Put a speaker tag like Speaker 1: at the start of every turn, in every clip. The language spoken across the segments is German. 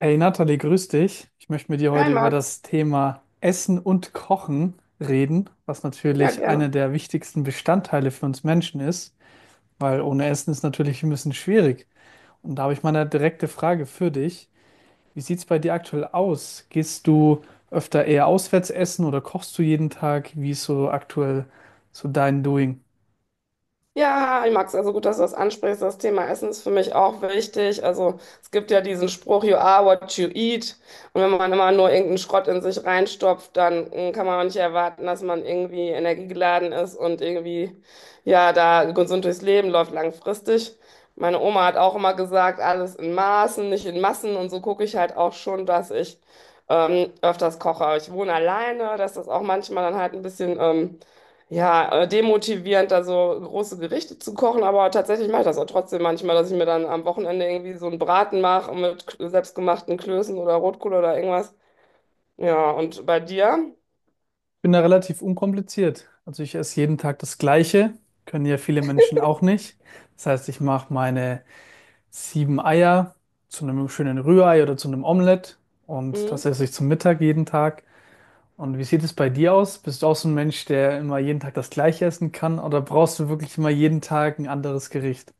Speaker 1: Hey Nathalie, grüß dich. Ich möchte mit dir
Speaker 2: Hi
Speaker 1: heute über
Speaker 2: Max,
Speaker 1: das Thema Essen und Kochen reden, was
Speaker 2: ja
Speaker 1: natürlich einer
Speaker 2: gerne.
Speaker 1: der wichtigsten Bestandteile für uns Menschen ist, weil ohne Essen ist natürlich ein bisschen schwierig. Und da habe ich mal eine direkte Frage für dich. Wie sieht es bei dir aktuell aus? Gehst du öfter eher auswärts essen oder kochst du jeden Tag? Wie ist so aktuell so dein Doing?
Speaker 2: Ja, hi Max, also gut, dass du das ansprichst. Das Thema Essen ist für mich auch wichtig. Also es gibt ja diesen Spruch, you are what you eat. Und wenn man immer nur irgendeinen Schrott in sich reinstopft, dann kann man auch nicht erwarten, dass man irgendwie energiegeladen ist und da gesund durchs Leben läuft langfristig. Meine Oma hat auch immer gesagt, alles in Maßen, nicht in Massen. Und so gucke ich halt auch schon, dass ich öfters koche. Ich wohne alleine, dass das auch manchmal dann halt ein bisschen... Ja, demotivierend, also große Gerichte zu kochen, aber tatsächlich mache ich das auch trotzdem manchmal, dass ich mir dann am Wochenende irgendwie so einen Braten mache mit selbstgemachten Klößen oder Rotkohl oder irgendwas. Ja, und bei dir?
Speaker 1: Ich bin da relativ unkompliziert. Also ich esse jeden Tag das Gleiche, können ja viele Menschen auch nicht. Das heißt, ich mache meine sieben Eier zu einem schönen Rührei oder zu einem Omelett, und
Speaker 2: Mhm.
Speaker 1: das esse ich zum Mittag jeden Tag. Und wie sieht es bei dir aus? Bist du auch so ein Mensch, der immer jeden Tag das Gleiche essen kann, oder brauchst du wirklich immer jeden Tag ein anderes Gericht?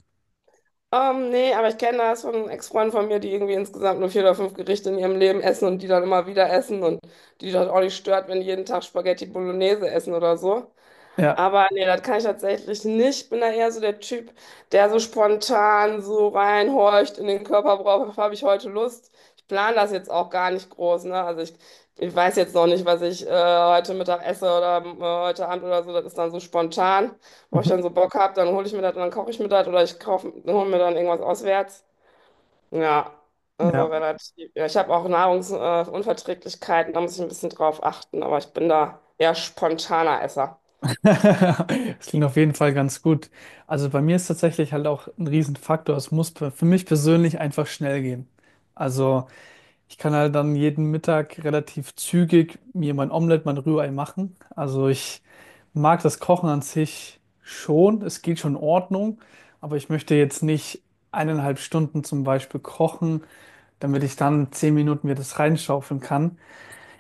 Speaker 2: Nee, aber ich kenne das von Ex-Freunden von mir, die irgendwie insgesamt nur vier oder fünf Gerichte in ihrem Leben essen und die dann immer wieder essen und die das auch nicht stört, wenn die jeden Tag Spaghetti Bolognese essen oder so.
Speaker 1: Ja.
Speaker 2: Aber nee, das kann ich tatsächlich nicht. Ich bin da eher so der Typ, der so spontan so reinhorcht in den Körper, worauf habe ich heute Lust? Ich plane das jetzt auch gar nicht groß, ne? Ich weiß jetzt noch nicht, was ich heute Mittag esse oder heute Abend oder so. Das ist dann so spontan, wo ich
Speaker 1: Mhm.
Speaker 2: dann so Bock habe, dann hole ich mir das und dann koche ich mir das oder ich hole mir dann irgendwas auswärts. Ja, also
Speaker 1: Ja.
Speaker 2: relativ. Ja, ich habe auch Unverträglichkeiten, da muss ich ein bisschen drauf achten, aber ich bin da eher spontaner Esser.
Speaker 1: Das klingt auf jeden Fall ganz gut. Also bei mir ist tatsächlich halt auch ein Riesenfaktor, es muss für mich persönlich einfach schnell gehen. Also ich kann halt dann jeden Mittag relativ zügig mir mein Omelett, mein Rührei machen. Also ich mag das Kochen an sich schon. Es geht schon in Ordnung. Aber ich möchte jetzt nicht 1,5 Stunden zum Beispiel kochen, damit ich dann 10 Minuten mir das reinschaufeln kann.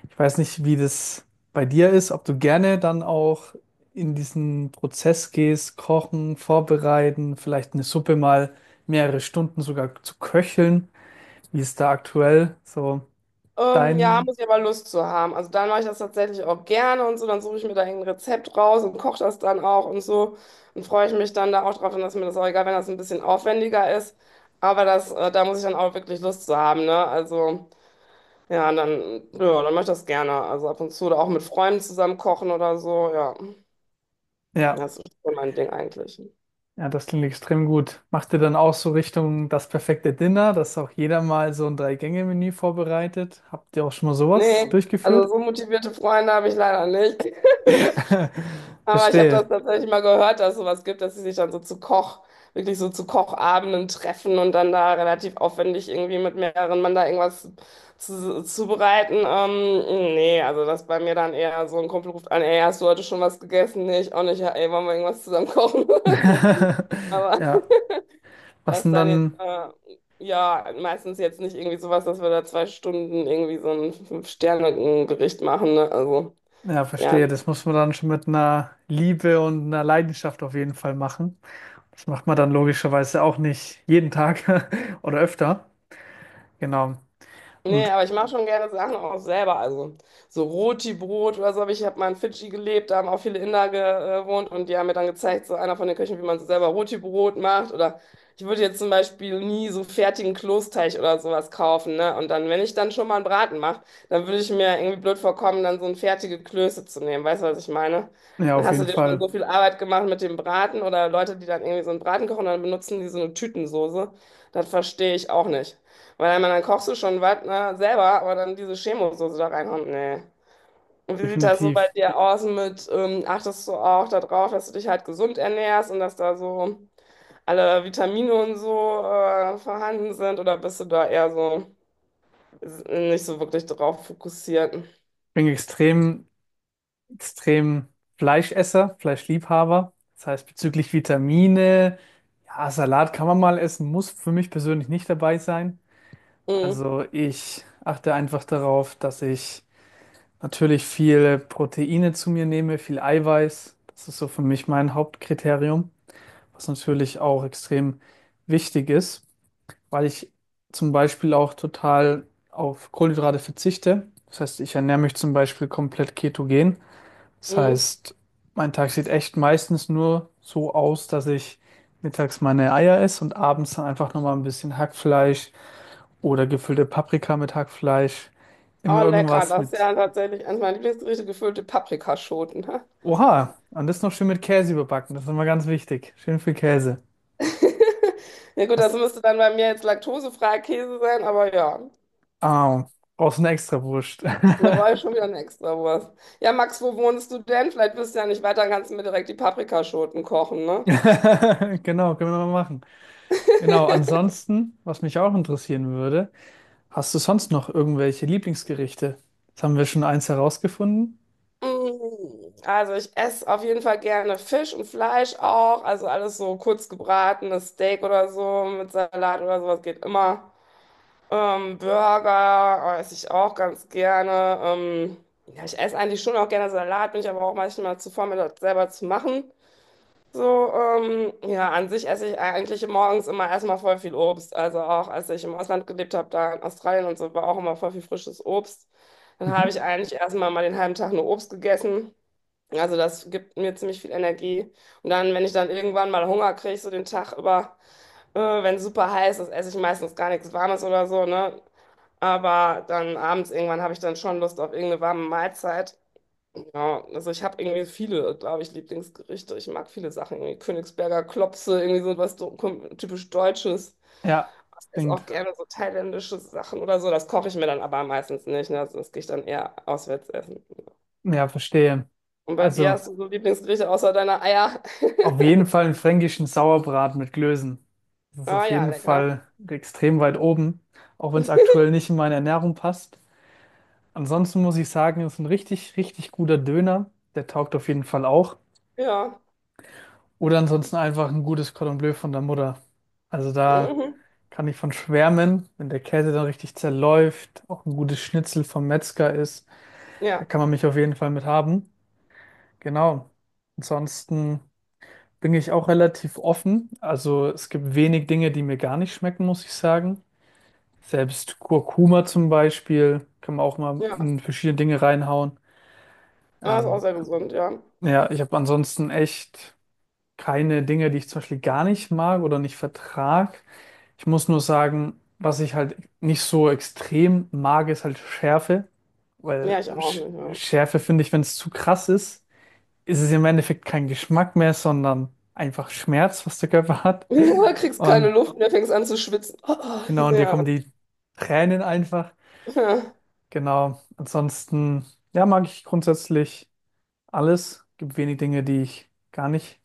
Speaker 1: Ich weiß nicht, wie das bei dir ist, ob du gerne dann auch in diesen Prozess gehst, kochen, vorbereiten, vielleicht eine Suppe mal mehrere Stunden sogar zu köcheln. Wie ist da aktuell so
Speaker 2: Ja,
Speaker 1: dein
Speaker 2: muss ich aber Lust zu haben. Also dann mache ich das tatsächlich auch gerne und so. Dann suche ich mir da ein Rezept raus und koche das dann auch und so. Und freue ich mich dann da auch drauf. Dann ist mir das auch egal, wenn das ein bisschen aufwendiger ist. Aber da muss ich dann auch wirklich Lust zu haben, ne? Also dann mache ich das gerne. Also ab und zu oder auch mit Freunden zusammen kochen oder so. Ja,
Speaker 1: ja,
Speaker 2: das ist schon mein Ding eigentlich.
Speaker 1: ja, das klingt extrem gut. Macht ihr dann auch so Richtung das perfekte Dinner, dass auch jeder mal so ein Drei-Gänge-Menü vorbereitet? Habt ihr auch schon mal sowas
Speaker 2: Nee, also
Speaker 1: durchgeführt?
Speaker 2: so motivierte Freunde habe ich leider nicht. Aber ich habe
Speaker 1: Verstehe.
Speaker 2: das tatsächlich mal gehört, dass es sowas gibt, dass sie sich dann so wirklich so zu Kochabenden treffen und dann da relativ aufwendig irgendwie mit mehreren Mann da irgendwas zubereiten. Nee, also das ist bei mir dann eher so ein Kumpel ruft an, ey, hast du heute schon was gegessen? Nee, ich auch nicht. Ja, ey, wollen wir irgendwas zusammen kochen oder so. Aber
Speaker 1: Ja, was
Speaker 2: das
Speaker 1: denn
Speaker 2: dann jetzt,
Speaker 1: dann?
Speaker 2: ja, meistens jetzt nicht irgendwie sowas, dass wir da zwei Stunden irgendwie so ein Fünf-Sterne-Gericht machen, ne? Also,
Speaker 1: Ja,
Speaker 2: ja.
Speaker 1: verstehe. Das muss man dann schon mit einer Liebe und einer Leidenschaft auf jeden Fall machen. Das macht man dann logischerweise auch nicht jeden Tag oder öfter. Genau.
Speaker 2: Nee,
Speaker 1: Und
Speaker 2: aber ich mache schon gerne Sachen auch selber. Also so Roti-Brot oder so. Aber ich habe mal in Fidschi gelebt, da haben auch viele Inder gewohnt und die haben mir dann gezeigt, so einer von den Köchen, wie man so selber Roti-Brot macht. Oder ich würde jetzt zum Beispiel nie so fertigen Kloßteig oder sowas kaufen, ne? Und dann, wenn ich dann schon mal einen Braten mache, dann würde ich mir irgendwie blöd vorkommen, dann so ein fertige Klöße zu nehmen. Weißt du, was ich meine?
Speaker 1: ja,
Speaker 2: Dann
Speaker 1: auf
Speaker 2: hast du
Speaker 1: jeden
Speaker 2: dir schon
Speaker 1: Fall.
Speaker 2: so viel Arbeit gemacht mit dem Braten oder Leute, die dann irgendwie so einen Braten kochen und dann benutzen die so eine Tütensoße. Das verstehe ich auch nicht. Weil dann kochst du schon was, ne, selber, aber dann diese Chemosoße da reinhauen, nee. Und wie sieht das so bei
Speaker 1: Definitiv.
Speaker 2: dir aus mit, achtest du auch darauf, dass du dich halt gesund ernährst und dass da so alle Vitamine und so vorhanden sind? Oder bist du da eher so nicht so wirklich drauf fokussiert?
Speaker 1: Ich bin extrem extrem Fleischesser, Fleischliebhaber. Das heißt, bezüglich Vitamine, ja, Salat kann man mal essen, muss für mich persönlich nicht dabei sein.
Speaker 2: Mm,
Speaker 1: Also ich achte einfach darauf, dass ich natürlich viel Proteine zu mir nehme, viel Eiweiß. Das ist so für mich mein Hauptkriterium, was natürlich auch extrem wichtig ist, weil ich zum Beispiel auch total auf Kohlenhydrate verzichte. Das heißt, ich ernähre mich zum Beispiel komplett ketogen. Das
Speaker 2: mm.
Speaker 1: heißt, mein Tag sieht echt meistens nur so aus, dass ich mittags meine Eier esse und abends dann einfach nochmal ein bisschen Hackfleisch oder gefüllte Paprika mit Hackfleisch. Immer
Speaker 2: Oh, lecker,
Speaker 1: irgendwas
Speaker 2: das ist
Speaker 1: mit.
Speaker 2: ja tatsächlich eines meiner Lieblingsgerichte, gefüllte Paprikaschoten.
Speaker 1: Oha, und das noch schön mit Käse überbacken. Das ist immer ganz wichtig. Schön viel Käse.
Speaker 2: Ja gut, das
Speaker 1: Hast,
Speaker 2: müsste dann bei mir jetzt laktosefreier Käse sein, aber ja.
Speaker 1: ah, brauchst eine Extrawurst.
Speaker 2: Da brauche ich schon wieder eine Extrawurst. Ja, Max, wo wohnst du denn? Vielleicht bist du ja nicht weiter, dann kannst du mir direkt die Paprikaschoten kochen, ne?
Speaker 1: Genau, können wir mal machen. Genau, ansonsten, was mich auch interessieren würde, hast du sonst noch irgendwelche Lieblingsgerichte? Jetzt haben wir schon eins herausgefunden.
Speaker 2: Mm, also ich esse auf jeden Fall gerne Fisch und Fleisch auch. Also alles so kurz gebratenes Steak oder so mit Salat oder sowas geht immer. Burger esse ich auch ganz gerne. Ja, ich esse eigentlich schon auch gerne Salat, bin ich aber auch manchmal zu faul, mir das selber zu machen. Ja, an sich esse ich eigentlich morgens immer erstmal voll viel Obst. Also auch als ich im Ausland gelebt habe, da in Australien und so, war auch immer voll viel frisches Obst. Dann habe
Speaker 1: Mhm.
Speaker 2: ich eigentlich erstmal mal den halben Tag nur Obst gegessen. Also das gibt mir ziemlich viel Energie. Und dann, wenn ich dann irgendwann mal Hunger kriege, so den Tag über, wenn es super heiß ist, esse ich meistens gar nichts Warmes oder so, ne? Aber dann abends irgendwann habe ich dann schon Lust auf irgendeine warme Mahlzeit. Ja, also ich habe irgendwie viele, glaube ich, Lieblingsgerichte. Ich mag viele Sachen, irgendwie Königsberger Klopse, irgendwie so was so typisch Deutsches.
Speaker 1: Ja, das
Speaker 2: Ist auch gerne so thailändische Sachen oder so. Das koche ich mir dann aber meistens nicht, ne? Das gehe ich dann eher auswärts essen.
Speaker 1: ja, verstehe.
Speaker 2: Und bei dir, hast
Speaker 1: Also
Speaker 2: du so Lieblingsgerichte außer deiner Eier?
Speaker 1: auf jeden Fall einen fränkischen Sauerbraten mit Klößen. Das ist
Speaker 2: Ah
Speaker 1: auf
Speaker 2: ja,
Speaker 1: jeden
Speaker 2: lecker.
Speaker 1: Fall extrem weit oben, auch wenn es aktuell nicht in meine Ernährung passt. Ansonsten muss ich sagen, ist ein richtig, richtig guter Döner. Der taugt auf jeden Fall auch.
Speaker 2: Ja.
Speaker 1: Oder ansonsten einfach ein gutes Cordon Bleu von der Mutter. Also da
Speaker 2: Mhm.
Speaker 1: kann ich von schwärmen, wenn der Käse dann richtig zerläuft, auch ein gutes Schnitzel vom Metzger ist, da
Speaker 2: Ja,
Speaker 1: kann man mich auf jeden Fall mit haben. Genau. Ansonsten bin ich auch relativ offen. Also es gibt wenig Dinge, die mir gar nicht schmecken, muss ich sagen. Selbst Kurkuma zum Beispiel kann man auch mal
Speaker 2: ja.
Speaker 1: in verschiedene Dinge reinhauen.
Speaker 2: Ah, ist auch
Speaker 1: Ähm,
Speaker 2: sehr gesund, ja.
Speaker 1: ja, ich habe ansonsten echt keine Dinge, die ich zum Beispiel gar nicht mag oder nicht vertrag. Ich muss nur sagen, was ich halt nicht so extrem mag, ist halt Schärfe.
Speaker 2: Ja,
Speaker 1: Weil
Speaker 2: ich auch
Speaker 1: Sch
Speaker 2: nicht, ja.
Speaker 1: Schärfe finde ich, wenn es zu krass ist, ist es im Endeffekt kein Geschmack mehr, sondern einfach Schmerz, was der Körper hat.
Speaker 2: Ja, kriegst keine
Speaker 1: Und
Speaker 2: Luft mehr, fängst an zu schwitzen.
Speaker 1: genau, und dir
Speaker 2: Ja,
Speaker 1: kommen die Tränen einfach.
Speaker 2: ja.
Speaker 1: Genau. Ansonsten, ja, mag ich grundsätzlich alles. Gibt wenig Dinge, die ich gar nicht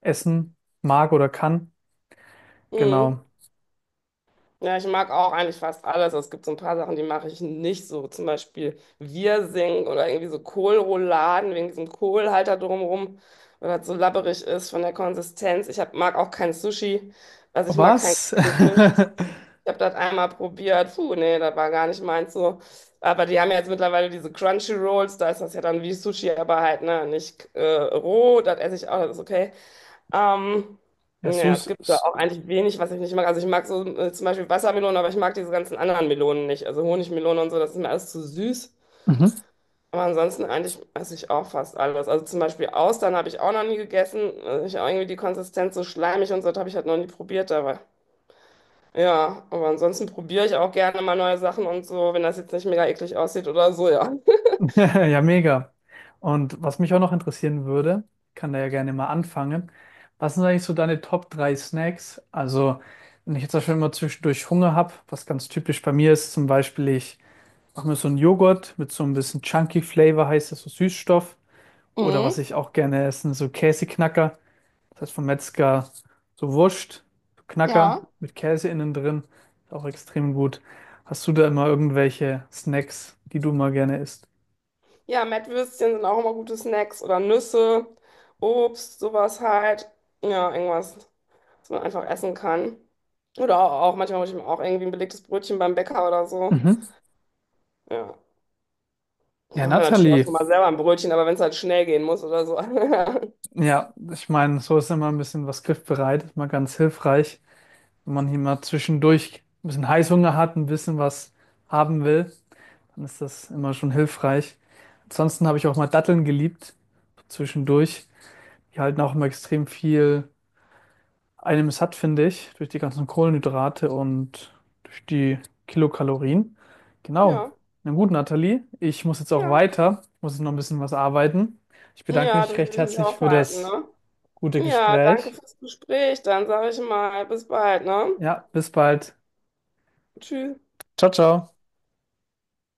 Speaker 1: essen mag oder kann.
Speaker 2: Mhm.
Speaker 1: Genau.
Speaker 2: Ja, ich mag auch eigentlich fast alles. Es gibt so ein paar Sachen, die mache ich nicht so. Zum Beispiel Wirsing oder irgendwie so Kohlrouladen wegen diesem Kohlhalter drumherum, weil das so labberig ist von der Konsistenz. Mag auch kein Sushi. Also ich mag keinen
Speaker 1: Was?
Speaker 2: kalten Fisch. Ich habe das einmal probiert. Puh, nee, das war gar nicht meins so. Aber die haben ja jetzt mittlerweile diese Crunchy Rolls. Da ist das ja dann wie Sushi, aber halt, ne, nicht roh. Das esse ich auch, das ist okay. Ähm,
Speaker 1: Ja,
Speaker 2: naja, es
Speaker 1: Sus.
Speaker 2: gibt da
Speaker 1: s-
Speaker 2: auch eigentlich wenig, was ich nicht mag. Also ich mag so zum Beispiel Wassermelonen, aber ich mag diese ganzen anderen Melonen nicht. Also Honigmelone und so, das ist mir alles zu süß.
Speaker 1: Mhm.
Speaker 2: Aber ansonsten eigentlich esse ich auch fast alles. Also zum Beispiel Austern habe ich auch noch nie gegessen. Also ich habe irgendwie die Konsistenz so schleimig und so, das habe ich halt noch nie probiert. Aber ja, aber ansonsten probiere ich auch gerne mal neue Sachen und so, wenn das jetzt nicht mega eklig aussieht oder so, ja.
Speaker 1: Ja, mega. Und was mich auch noch interessieren würde, kann da ja gerne mal anfangen. Was sind eigentlich so deine Top 3 Snacks? Also, wenn ich jetzt zum Beispiel immer zwischendurch Hunger habe, was ganz typisch bei mir ist, zum Beispiel, ich mache mir so einen Joghurt mit so ein bisschen Chunky Flavor, heißt das so Süßstoff. Oder was
Speaker 2: Mhm,
Speaker 1: ich auch gerne esse, so Käseknacker. Das heißt vom Metzger so Wurst, so Knacker
Speaker 2: ja.
Speaker 1: mit Käse innen drin. Ist auch extrem gut. Hast du da immer irgendwelche Snacks, die du mal gerne isst?
Speaker 2: Ja, Mettwürstchen sind auch immer gute Snacks oder Nüsse, Obst, sowas halt. Ja, irgendwas, was man einfach essen kann. Oder auch, manchmal hole ich mir auch irgendwie ein belegtes Brötchen beim Bäcker oder so.
Speaker 1: Mhm.
Speaker 2: Ja, ich
Speaker 1: Ja,
Speaker 2: mache mir natürlich auch
Speaker 1: Nathalie.
Speaker 2: schon mal selber ein Brötchen, aber wenn es halt schnell gehen muss oder so.
Speaker 1: Ja, ich meine, so ist immer ein bisschen was griffbereit. Ist mal ganz hilfreich. Wenn man hier mal zwischendurch ein bisschen Heißhunger hat, ein bisschen was haben will, dann ist das immer schon hilfreich. Ansonsten habe ich auch mal Datteln geliebt, zwischendurch. Die halten auch immer extrem viel einem satt, finde ich, durch die ganzen Kohlenhydrate und durch die Kilokalorien. Genau.
Speaker 2: Ja,
Speaker 1: Na gut, Nathalie, ich muss jetzt auch
Speaker 2: ja.
Speaker 1: weiter. Ich muss jetzt noch ein bisschen was arbeiten. Ich bedanke
Speaker 2: Ja,
Speaker 1: mich
Speaker 2: durch will
Speaker 1: recht
Speaker 2: ich nicht
Speaker 1: herzlich für
Speaker 2: aufhalten,
Speaker 1: das
Speaker 2: ne?
Speaker 1: gute
Speaker 2: Ja, danke
Speaker 1: Gespräch.
Speaker 2: fürs Gespräch. Dann sage ich mal, bis bald, ne?
Speaker 1: Ja, bis bald.
Speaker 2: Tschüss.
Speaker 1: Ciao, ciao.